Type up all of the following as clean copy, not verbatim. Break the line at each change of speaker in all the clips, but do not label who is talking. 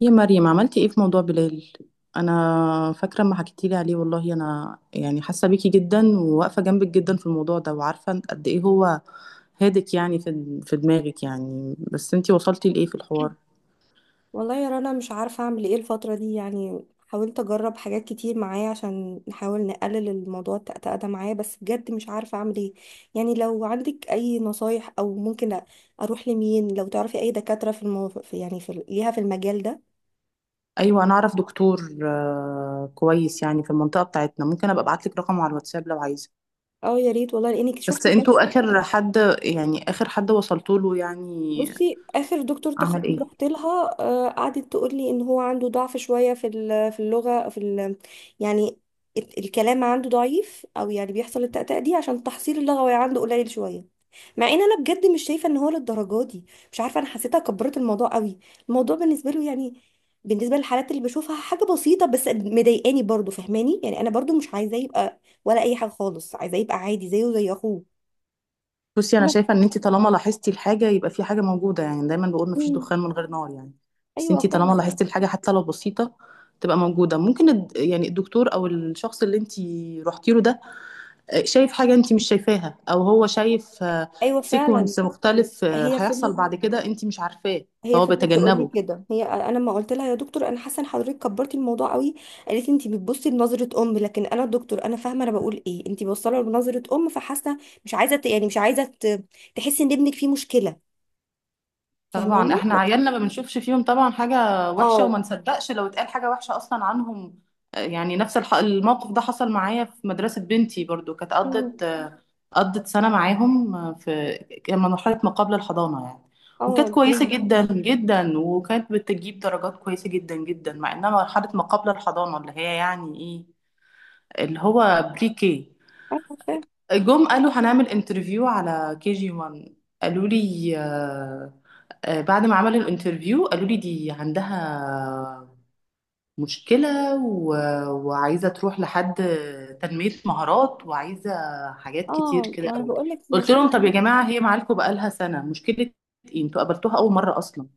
يا مريم عملتي ايه في موضوع بلال؟ انا فاكره ما حكيتي لي عليه، والله انا يعني حاسه بيكي جدا وواقفه جنبك جدا في الموضوع ده وعارفه قد ايه هو هادك، يعني في دماغك يعني، بس انتي وصلتي لايه في الحوار؟
والله يا رنا، مش عارفة أعمل إيه الفترة دي. يعني حاولت أجرب حاجات كتير معايا عشان نحاول نقلل الموضوع التأتأة ده معايا، بس بجد مش عارفة أعمل إيه. يعني لو عندك أي نصايح أو ممكن أروح لمين، لو تعرفي أي دكاترة في المو... في- يعني في ال- ليها في المجال ده.
ايوه، انا اعرف دكتور كويس يعني في المنطقه بتاعتنا، ممكن ابقى ابعت لك رقمه على الواتساب لو عايزه.
أه يا ريت والله، لأنك
بس
شفت.
انتوا اخر حد؟ يعني اخر حد وصلتوا له يعني؟
بصي، اخر دكتور
عمل ايه؟
تخاطب رحت لها، قعدت تقول لي ان هو عنده ضعف شويه في اللغه، في ال يعني الكلام عنده ضعيف، او يعني بيحصل التأتأة دي عشان تحصيل اللغوي عنده قليل شويه. مع ان انا بجد مش شايفه ان هو للدرجه دي. مش عارفه، انا حسيتها كبرت الموضوع قوي. الموضوع بالنسبه له، يعني بالنسبه للحالات اللي بشوفها، حاجه بسيطه، بس مضايقاني برضو، فاهماني؟ يعني انا برضو مش عايزاه يبقى ولا اي حاجه خالص، عايزاه يبقى عادي زيه زي اخوه.
بصي، انا
أنا-
شايفه ان انت طالما لاحظتي الحاجه يبقى في حاجه موجوده، يعني دايما بقول مفيش
مم.
دخان من غير نار يعني. بس انت
ايوه
طالما
فعلا.
لاحظتي الحاجه حتى لو بسيطه تبقى موجوده، ممكن يعني الدكتور او الشخص اللي انت رحتي له ده شايف حاجه انت مش شايفاها، او هو شايف
ايوه فعلا.
سيكونس مختلف
هي
هيحصل
فضلت
بعد كده انت مش عارفاه،
هي
فهو
فضلت تقول لي
بيتجنبه.
كده. هي، انا ما قلت لها: يا دكتور انا حاسه ان حضرتك كبرتي الموضوع قوي؟ قالت لي: انت بتبصي لنظره ام. لكن انا دكتور، انا فاهمه انا بقول ايه، انت بوصله لنظره ام فحاسه. مش عايزه تحسي ان ابنك فيه مشكله.
طبعا
فاهماني؟
احنا
لكن
عيالنا ما بنشوفش فيهم طبعا حاجه وحشه، وما
اه.
نصدقش لو اتقال حاجه وحشه اصلا عنهم. يعني نفس الموقف ده حصل معايا في مدرسه بنتي برضو، كانت
أمم.
قضت سنة معاهم في كان مرحلة ما قبل الحضانة يعني، وكانت
اه
كويسة
بري.
جدا جدا وكانت بتجيب درجات كويسة جدا جدا مع انها مرحلة ما قبل الحضانة اللي هي يعني ايه، اللي هو بري كي.
ايوه فاهم.
جم قالوا هنعمل انترفيو على كي جي 1، قالوا لي بعد ما عملوا الانترفيو قالوا لي دي عندها مشكلة وعايزة تروح لحد تنمية مهارات، وعايزة حاجات كتير
اه،
كده
ما انا
قوي.
بقول لك مش
قلت لهم طب يا
فاهمه.
جماعة هي معاكم بقالها سنة، مشكلة ايه انتوا قابلتوها أول مرة أصلا؟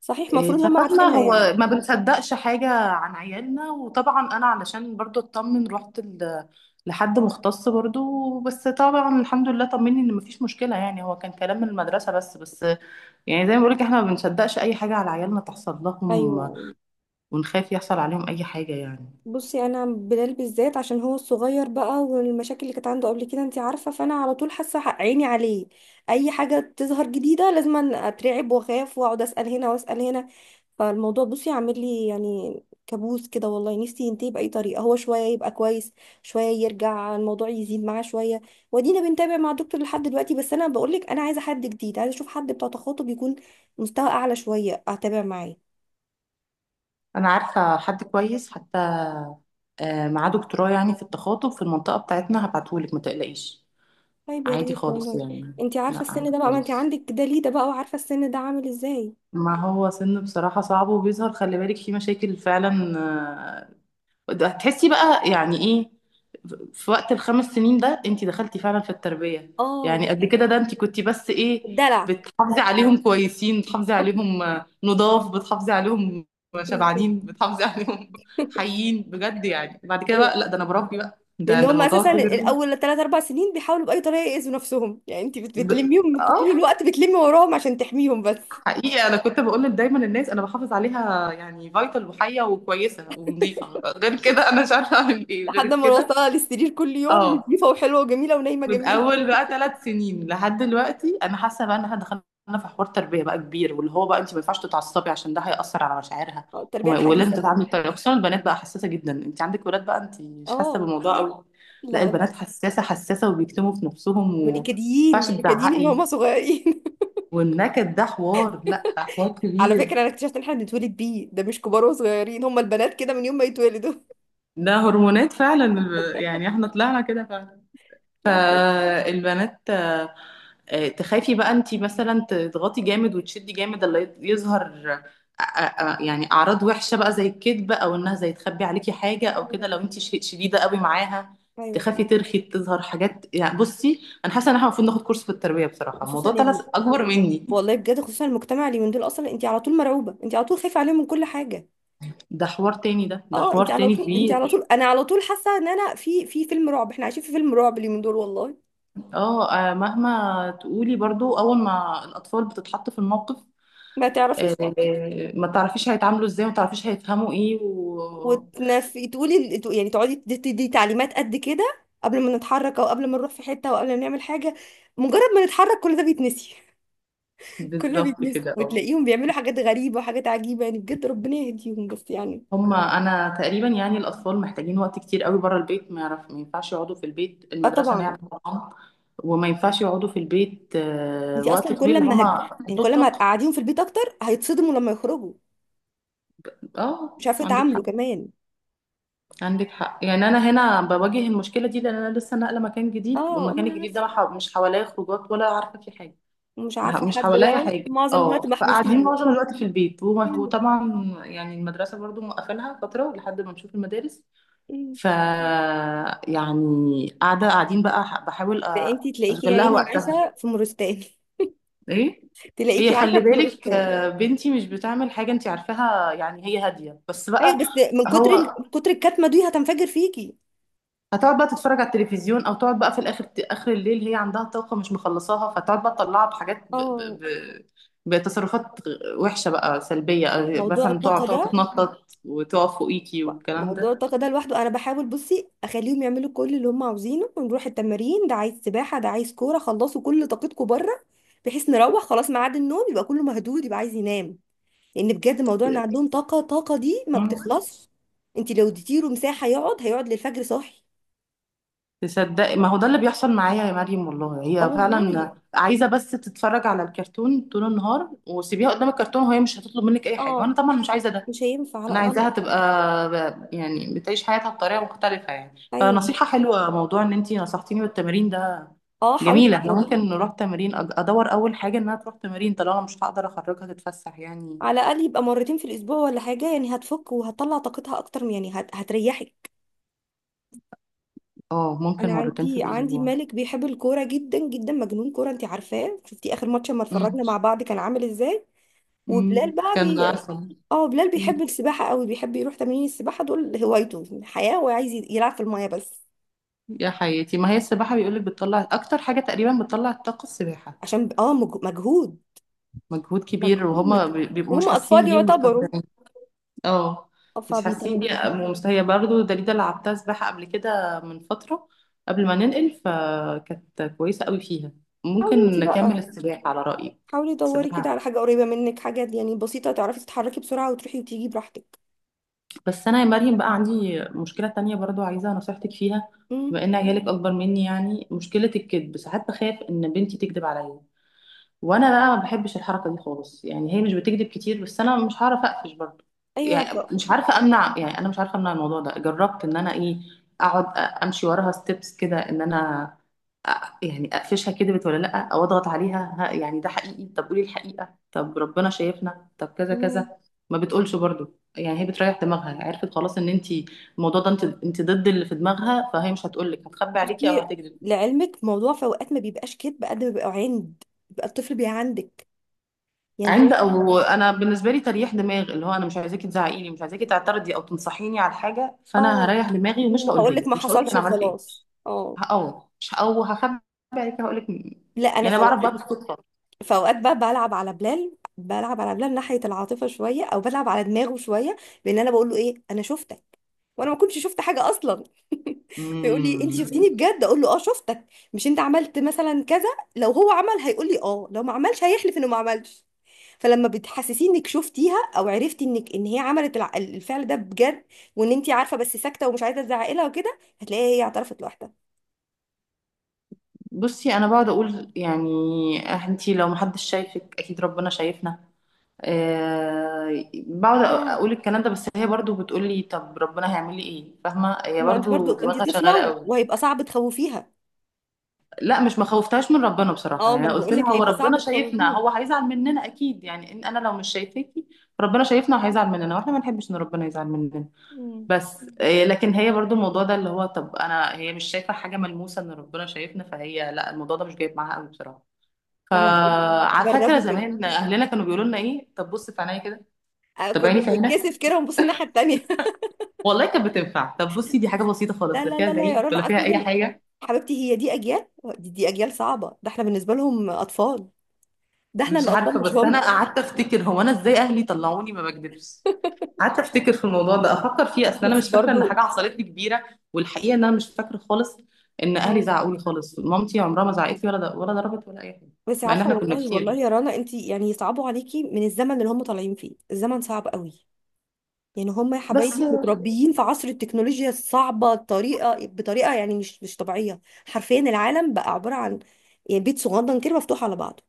صحيح، المفروض هم
ففاهمة
عارفينها
هو
يعني.
ما بنصدقش حاجة عن عيالنا، وطبعا أنا علشان برضو أطمن رحت لحد مختص برضو، بس طبعا الحمد لله طمني ان مفيش مشكلة، يعني هو كان كلام من المدرسة بس. بس يعني زي ما بقولك احنا ما بنصدقش اي حاجة على عيالنا تحصل لهم،
ايوه.
ونخاف يحصل عليهم اي حاجة يعني.
بصي، انا بلال بالذات عشان هو الصغير بقى، والمشاكل اللي كانت عنده قبل كده انت عارفه، فانا على طول حاسه عيني عليه. اي حاجه تظهر جديده لازم أن اترعب واخاف واقعد اسال هنا واسال هنا. فالموضوع، بصي، عامل لي يعني كابوس كده. والله نفسي ينتهي باي طريقه، هو شويه يبقى كويس، شويه يرجع الموضوع يزيد معاه شويه. ودينا بنتابع مع الدكتور لحد دلوقتي، بس انا بقول لك انا عايزه حد جديد، عايزه اشوف حد بتاع تخاطب يكون مستوى اعلى شويه، اتابع معاه.
انا عارفه حد كويس حتى معاه دكتوراه يعني في التخاطب في المنطقه بتاعتنا، هبعتهولك ما تقلقيش.
طيب يا
عادي
ريت
خالص
والله.
يعني.
انت عارفه
لا
السن
عادي
ده بقى، ما انت
خالص،
عندك دليده بقى وعارفه السن ده عامل ازاي.
ما هو سن بصراحه صعب وبيظهر خلي بالك في مشاكل فعلا ده هتحسي بقى يعني ايه في وقت الخمس سنين ده، انت دخلتي فعلا في التربية،
اه.
يعني قبل كده ده انت كنتي بس ايه؟
الدلع.
بتحافظي عليهم كويسين، بتحافظي عليهم نضاف، بتحافظي عليهم شبعانين، بتحافظي عليهم حيين بجد، يعني بعد كده
ايوه،
بقى لا ده انا بربي بقى ده
لان
ده
هم
الموضوع
اساسا
كبير.
الاول ثلاث اربع سنين بيحاولوا باي طريقه يأذوا نفسهم، يعني انت
ب...
بتلميهم طول
اه
الوقت، بتلمي وراهم عشان تحميهم بس.
حقيقة انا كنت بقول دايما للناس انا بحافظ عليها يعني فايتال، وحية وكويسة ونظيفة، غير كده انا مش عارفة اعمل ايه غير
لحد ما
كده.
نوصلها للسرير كل يوم
اه،
نظيفه وحلوه وجميله ونايمه
من
جميله.
اول بقى ثلاث سنين لحد دلوقتي انا حاسه بقى ان احنا دخلنا في حوار تربيه بقى كبير، واللي هو بقى انت ما ينفعش تتعصبي عشان ده هيأثر على مشاعرها،
اه، التربيه
ولازم
الحديثه بقى.
تتعاملي بطريقه، خصوصا البنات بقى حساسه جدا، انت عندك ولاد بقى انت مش حاسه
اه.
بالموضوع قوي. لا
لا
البنات
لا.
حساسه حساسه، وبيكتموا في نفسهم،
من
وما ينفعش
الكديين نكديين من
تزعقي.
هم صغيرين.
والنكد ده حوار، لا حوار
على
كبير.
فكره، انا اكتشفت ان احنا بنتولد بيه، ده مش كبار وصغيرين، هم البنات كده من يوم ما يتولدوا.
ده هرمونات فعلا، يعني احنا طلعنا كده.
لا بجد.
فالبنات تخافي بقى انتي مثلا تضغطي جامد وتشدي جامد، اللي يظهر آه، آه، يعني اعراض وحشه بقى زي الكذب، او انها زي تخبي عليكي حاجه او كده
أيوة.
لو انتي شديده قوي معاها.
أيوة
تخافي
حقيقي.
ترخي تظهر حاجات، يعني بصي انا حاسه ان احنا المفروض ناخد كورس في التربيه بصراحه،
خصوصا
الموضوع طلع
يعني،
اكبر مني.
والله بجد خصوصا المجتمع اليومين دول أصلا، أنت على طول مرعوبة، أنت على طول خايفة عليهم من كل حاجة.
ده حوار تاني، ده
أه،
حوار تاني
أنت على طول،
كبير.
أنا على طول حاسة إن أنا في فيلم رعب، إحنا عايشين في فيلم رعب اليومين دول والله.
اه مهما تقولي برضو اول ما الاطفال بتتحط في الموقف
ما تعرفيش.
ما تعرفيش هيتعاملوا ازاي، وما تعرفيش هيفهموا ايه
وتنفي تقولي تقعدي تدي تعليمات قد كده قبل ما نتحرك، أو قبل ما نروح في حتة، أو قبل ما نعمل حاجة. مجرد ما نتحرك كل ده بيتنسي. كل ده
بالظبط
بيتنسي،
كده اه.
وتلاقيهم بيعملوا حاجات غريبة وحاجات عجيبة، يعني بجد ربنا يهديهم بس يعني.
هما انا تقريبا يعني الاطفال محتاجين وقت كتير قوي بره البيت، ما يعرف ما ينفعش يقعدوا في البيت،
اه
المدرسه نعمه
طبعا.
طبعا، وما ينفعش يقعدوا في البيت
انت
وقت
اصلا
طويل،
كل ما هت...
هما
يعني
عندهم
كل ما
طاقه.
هتقعديهم في البيت اكتر هيتصدموا لما يخرجوا.
اه
مش عارفه
عندك
يتعاملوا
حق،
كمان.
عندك حق، يعني انا هنا بواجه المشكله دي لان انا لسه ناقله مكان جديد،
اه، ما
والمكان
انا
الجديد ده ما
عارفه.
ح- مش حواليا خروجات، ولا عارفه فيه حاجه،
ومش عارفه
مش
حد،
حواليا
يعني
حاجة.
معظم
اه
الوقت
فقاعدين
محبوسين.
معظم الوقت في البيت
مم.
وطبعا يعني المدرسة برضو موقفينها فترة لحد ما نشوف المدارس،
مم.
ف يعني قاعدة قاعدين بقى بحاول
ده انت تلاقيكي يا
أشغل لها
عيني
وقتها.
عايشه في مورستان.
ايه، هي
تلاقيكي
خلي
عايشه في
بالك
مورستان.
بنتي مش بتعمل حاجة انت عارفاها يعني، هي هادية، بس
ايوه،
بقى
بس
هو
من كتر الكتمه دي هتنفجر فيكي.
هتقعد بقى تتفرج على التلفزيون، او تقعد بقى في الاخر اخر الليل، هي عندها طاقه مش مخلصاها، فتقعد بقى تطلعها بحاجات
اه.
بتصرفات وحشه بقى سلبيه، أو
موضوع
مثلا تقعد
الطاقه
تقعد
ده
تتنطط وتقف فوقيكي والكلام
موضوع
ده.
الطاقه ده لوحده، انا بحاول، بصي، اخليهم يعملوا كل اللي هم عاوزينه، ونروح التمارين، ده عايز سباحه، ده عايز كوره، خلصوا كل طاقتكم بره. بحيث نروح خلاص ميعاد النوم يبقى كله مهدود، يبقى عايز ينام. لان بجد موضوع ان عندهم طاقه، طاقه دي ما
مم.
بتخلصش. انت لو اديتي له مساحه يقعد، هيقعد للفجر صاحي.
تصدقي ما هو ده اللي بيحصل معايا يا مريم والله،
اه
هي
والله.
فعلا عايزه بس تتفرج على الكرتون طول النهار، وسيبيها قدام الكرتون وهي مش هتطلب منك اي حاجه،
اه.
وانا طبعا مش عايزه ده،
مش هينفع، لا
انا عايزاها
غلط.
تبقى يعني بتعيش حياتها بطريقه مختلفه يعني.
ايوه.
فنصيحه حلوه موضوع ان انتي نصحتيني بالتمرين ده،
اه، حاولي
جميله احنا
بجد.
ممكن نروح تمرين ادور اول حاجه انها تروح تمرين طالما مش هقدر اخرجها تتفسح يعني.
على الاقل يبقى مرتين في الاسبوع ولا حاجه يعني، هتفك وهتطلع طاقتها اكتر هتريحك.
اه، ممكن
انا
مرتين في
عندي
الاسبوع.
مالك بيحب الكوره جدا جدا، مجنون كوره، انت عارفاه، شفتي اخر ماتش لما
أمم،
اتفرجنا مع بعض كان عامل ازاي.
أمم،
وبلال بقى
كان
بي
عسل.
اه، بلال
أمم،
بيحب السباحة قوي، بيحب يروح تمارين السباحة دول، هوايته حياة، وعايز يلعب في المية بس.
يا حياتي ما هي السباحه بيقولك بتطلع اكتر حاجه تقريبا، بتطلع الطاقه السباحه،
عشان مجهود.
مجهود كبير
مجهود
وهما
مجهود.
بيبقوا مش
وهم
حاسين
أطفال
بيه
يعتبروا.
ومستمتعين. اه
اه
مش حاسين،
فبيطل.
هي برضه دليلة لعبتها سباحة قبل كده من فترة، قبل ما ننقل، فكانت كويسة قوي فيها،
حاولي
ممكن
انتي
نكمل
بقى
السباحة على رأيك.
حاولي دوري كده
السباحة،
على حاجة قريبة منك، حاجة يعني بسيطة تعرفي تتحركي بسرعة وتروحي وتيجي براحتك.
بس أنا يا مريم بقى عندي مشكلة تانية برضه عايزة نصيحتك فيها.
امم.
بما إن عيالك أكبر مني يعني مشكلة الكذب، ساعات بخاف إن بنتي تكذب عليا، وانا بقى ما بحبش الحركه دي خالص، يعني هي مش بتكذب كتير بس انا مش هعرف اقفش برضه
ايوه
يعني. مش عارفه امنع، يعني انا مش عارفه امنع الموضوع ده، جربت ان انا ايه اقعد امشي وراها ستيبس كده ان انا أ- يعني اقفشها كدبت ولا لا، او اضغط عليها ها يعني ده حقيقي طب قولي الحقيقه طب ربنا شايفنا طب كذا كذا،
مم.
ما بتقولش برضه، يعني هي بتريح دماغها، عرفت خلاص ان انت الموضوع ده انت ضد اللي في دماغها، فهي مش هتقولك، هتخبي عليكي او
بصي،
هتكذب.
لعلمك موضوع في اوقات ما بيبقاش كدب قد ما بيبقى عند، بيبقى الطفل بيعندك، يعني هو.
عند او انا بالنسبه لي تريح دماغ، اللي هو انا مش عايزاكي تزعقيني، مش عايزاكي تعترضي او تنصحيني على حاجه، فانا
اه.
هريح دماغي ومش هقولها
هقول لك
لك،
ما
مش هقول لك
حصلش
انا عملت ايه،
وخلاص. اه.
هقوم مش، او هخبي عليك هقول لك،
لا، انا
يعني
في
انا بعرف بقى
اوقات،
بالصدفه.
في اوقات بقى بلعب على بلال ناحيه العاطفه شويه، او بلعب على دماغه شويه، بان انا بقول له ايه: انا شفتك. وانا ما كنتش شفت حاجه اصلا. فيقول لي: انت
امم.
شفتيني بجد؟ اقول له: اه شفتك. مش انت عملت مثلا كذا. لو هو عمل هيقول لي اه، لو ما عملش هيحلف انه ما عملش. فلما بتحسسيه انك شفتيها او عرفتي انك ان هي عملت الفعل ده بجد، وان انت عارفه بس ساكته ومش عايزه تزعقي لها وكده، هتلاقيها هي اعترفت لوحدها.
بصي انا بقعد اقول يعني انتي لو محدش شايفك اكيد ربنا شايفنا، أه بقعد
آه.
اقول الكلام ده، بس هي برضو بتقول لي طب ربنا هيعمل لي ايه، فاهمه هي
ما انت برضو
برضو
انت
دماغها شغاله
طفله،
قوي.
وهيبقى صعب تخوفيها.
لا مش ما خوفتهاش من ربنا بصراحة،
اه، ما
يعني
انا
قلت
بقول
لها
لك
هو
هيبقى
ربنا
صعب
شايفنا،
تخوفيها.
هو هيزعل مننا أكيد، يعني إن أنا لو مش شايفاكي، ربنا شايفنا وهيزعل مننا، واحنا ما نحبش إن ربنا يزعل مننا.
مم.
بس لكن هي برضو الموضوع ده اللي هو طب أنا، هي مش شايفة حاجة ملموسة إن ربنا شايفنا، فهي لا الموضوع ده مش جايب معاها قوي بصراحة.
لما تقولي،
فعلى فكرة
جربي كده.
زمان أهلنا كانوا بيقولوا لنا إيه، طب بص في عينيا كده، طب
كنا
عيني في عينك،
بنتكسف كده ونبص الناحيه التانيه.
والله كانت بتنفع، طب بصي دي حاجة بسيطة
لا
خالص، لا
لا
فيها
لا لا يا
زعيق
رنا،
ولا فيها أي
اصلا
حاجة.
حبيبتي هي دي اجيال، دي اجيال صعبه، ده احنا بالنسبه لهم اطفال، ده احنا
مش
اللي اطفال
عارفة،
مش
بس أنا
هم.
قعدت أفتكر هو أنا إزاي أهلي طلعوني ما بكدبش، قعدت افتكر في الموضوع ده افكر فيه، اصل انا
بس
مش فاكره ان
برضو.
حاجه حصلت لي كبيره، والحقيقه ان انا مش فاكره خالص ان اهلي
اه،
زعقوا لي خالص، مامتي عمرها ما زعقت لي ولا ولا ضربت ولا اي حاجه،
بس
مع ان
عارفه
احنا كنا
والله، والله
كتير.
يا رنا، انت يعني صعبوا عليكي من الزمن اللي هم طالعين فيه. الزمن صعب قوي. يعني هم يا
بس
حبايبي متربيين في عصر التكنولوجيا الصعبة، الطريقة بطريقة يعني مش طبيعية. حرفيا العالم بقى عبارة عن يعني بيت صغنن كده مفتوح على بعضه.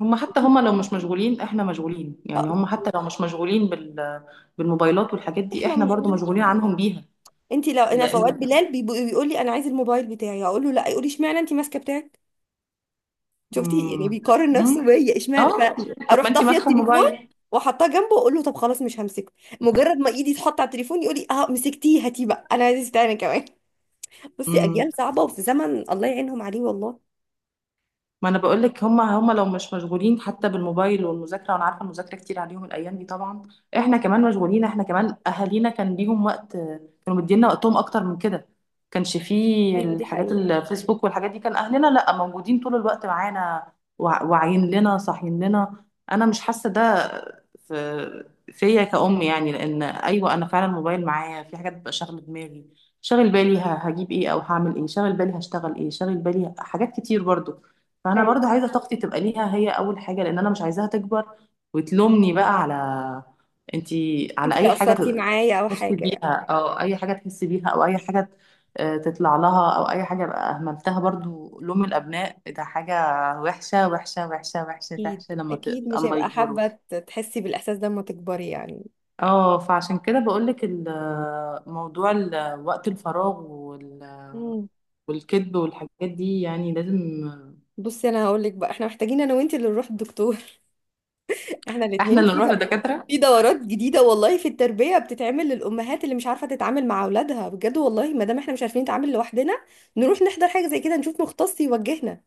هم حتى لو مش مشغولين احنا مشغولين، يعني
آه،
هم حتى لو مش مشغولين بالموبايلات والحاجات دي
احنا
احنا برضو
مشغولين.
مشغولين عنهم بيها.
انت لو، انا في اوقات
لان
بلال بيقول لي: انا عايز الموبايل بتاعي. اقول له: لا. يقول لي: اشمعنى انت ماسكه بتاعك؟ شفتي؟ يعني
امم،
بيقارن
امم،
نفسه بيا، اشمعنى.
اه، طب ما
فاروح
انت
طافيه
ماسكه
التليفون،
الموبايل.
واحطها جنبه واقول له: طب خلاص مش همسكه. مجرد ما ايدي تحط على التليفون يقول لي: اه مسكتيه، هاتيه بقى، انا عايز تاني كمان. بصي، اجيال صعبه وفي زمن الله يعينهم عليه والله.
ما انا بقول لك هما لو مش مشغولين حتى بالموبايل والمذاكره، وانا عارفه المذاكره كتير عليهم الايام دي طبعا، احنا كمان مشغولين، احنا كمان اهالينا كان ليهم وقت، كانوا مدينا وقتهم اكتر من كده، كانش فيه
ايوه دي
الحاجات
حقيقة.
الفيسبوك والحاجات دي، كان اهلنا لا موجودين طول الوقت معانا، واعيين لنا صاحيين لنا، انا مش حاسه ده في فيا كأم، يعني لان ايوه انا فعلا الموبايل معايا، في حاجات بتبقى شاغله دماغي، شاغل بالي هجيب ايه او هعمل ايه، شاغل بالي هشتغل ايه، شاغل بالي حاجات كتير برضو، فانا برضو
ايوه.
عايزه طاقتي تبقى ليها هي اول حاجه، لان انا مش عايزاها تكبر وتلومني بقى على انتي على
انت اللي
اي حاجه
قصرتي
ت-
معايا او
تحس
حاجة
بيها،
يعني.
او اي حاجه تحس بيها او اي حاجه تطلع لها، او اي حاجه بقى اهملتها، برضو لوم الابناء ده حاجه وحشه وحشه وحشه وحشه
اكيد.
وحشه، لما
اكيد مش
اما
هيبقى
يكبروا.
حابة تحسي بالاحساس ده لما تكبري يعني.
اه فعشان كده بقولك موضوع وقت الفراغ
امم.
والكذب والحاجات دي يعني لازم
بصي، انا هقول لك بقى، احنا محتاجين انا وانت اللي نروح الدكتور. احنا
احنا
الاثنين
اللي
في
نروح
ده.
لدكاتره.
في دورات جديدة والله في التربية بتتعمل للامهات اللي مش عارفة تتعامل مع اولادها بجد، والله ما دام احنا مش عارفين نتعامل لوحدنا، نروح نحضر حاجة زي كده، نشوف مختص يوجهنا.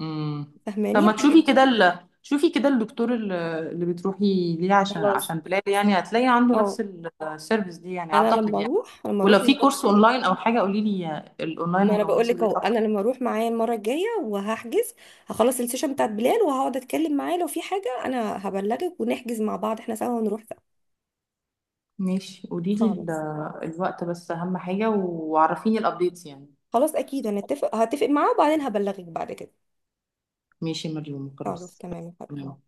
امم، طب
فاهماني
ما
الحاجات
تشوفي
دي؟
كده شوفي كده الدكتور اللي بتروحي ليه عشان
خلاص.
عشان بلال، يعني هتلاقي عنده
اه.
نفس السيرفيس دي يعني
انا
اعتقد يعني.
لما
ولو
اروح
في
المرة
كورس
الجاية،
اونلاين او حاجه قولي لي، الاونلاين
ما انا
هيبقى
بقول
مناسب
لك
ليا
اهو، انا
اكتر.
لما اروح معايا المره الجايه وهحجز، هخلص السيشن بتاعت بلال وهقعد اتكلم معاه، لو في حاجه انا هبلغك ونحجز مع بعض احنا سوا، ونروح سوا.
ماشي قولي لي
خالص.
الوقت بس اهم حاجه، وعرفيني الابديتس يعني.
خلاص، اكيد هنتفق معاه، وبعدين هبلغك بعد كده.
ماشي يا مريم
خلاص
خلاص.
تمام يا حبيبتي.
تمام.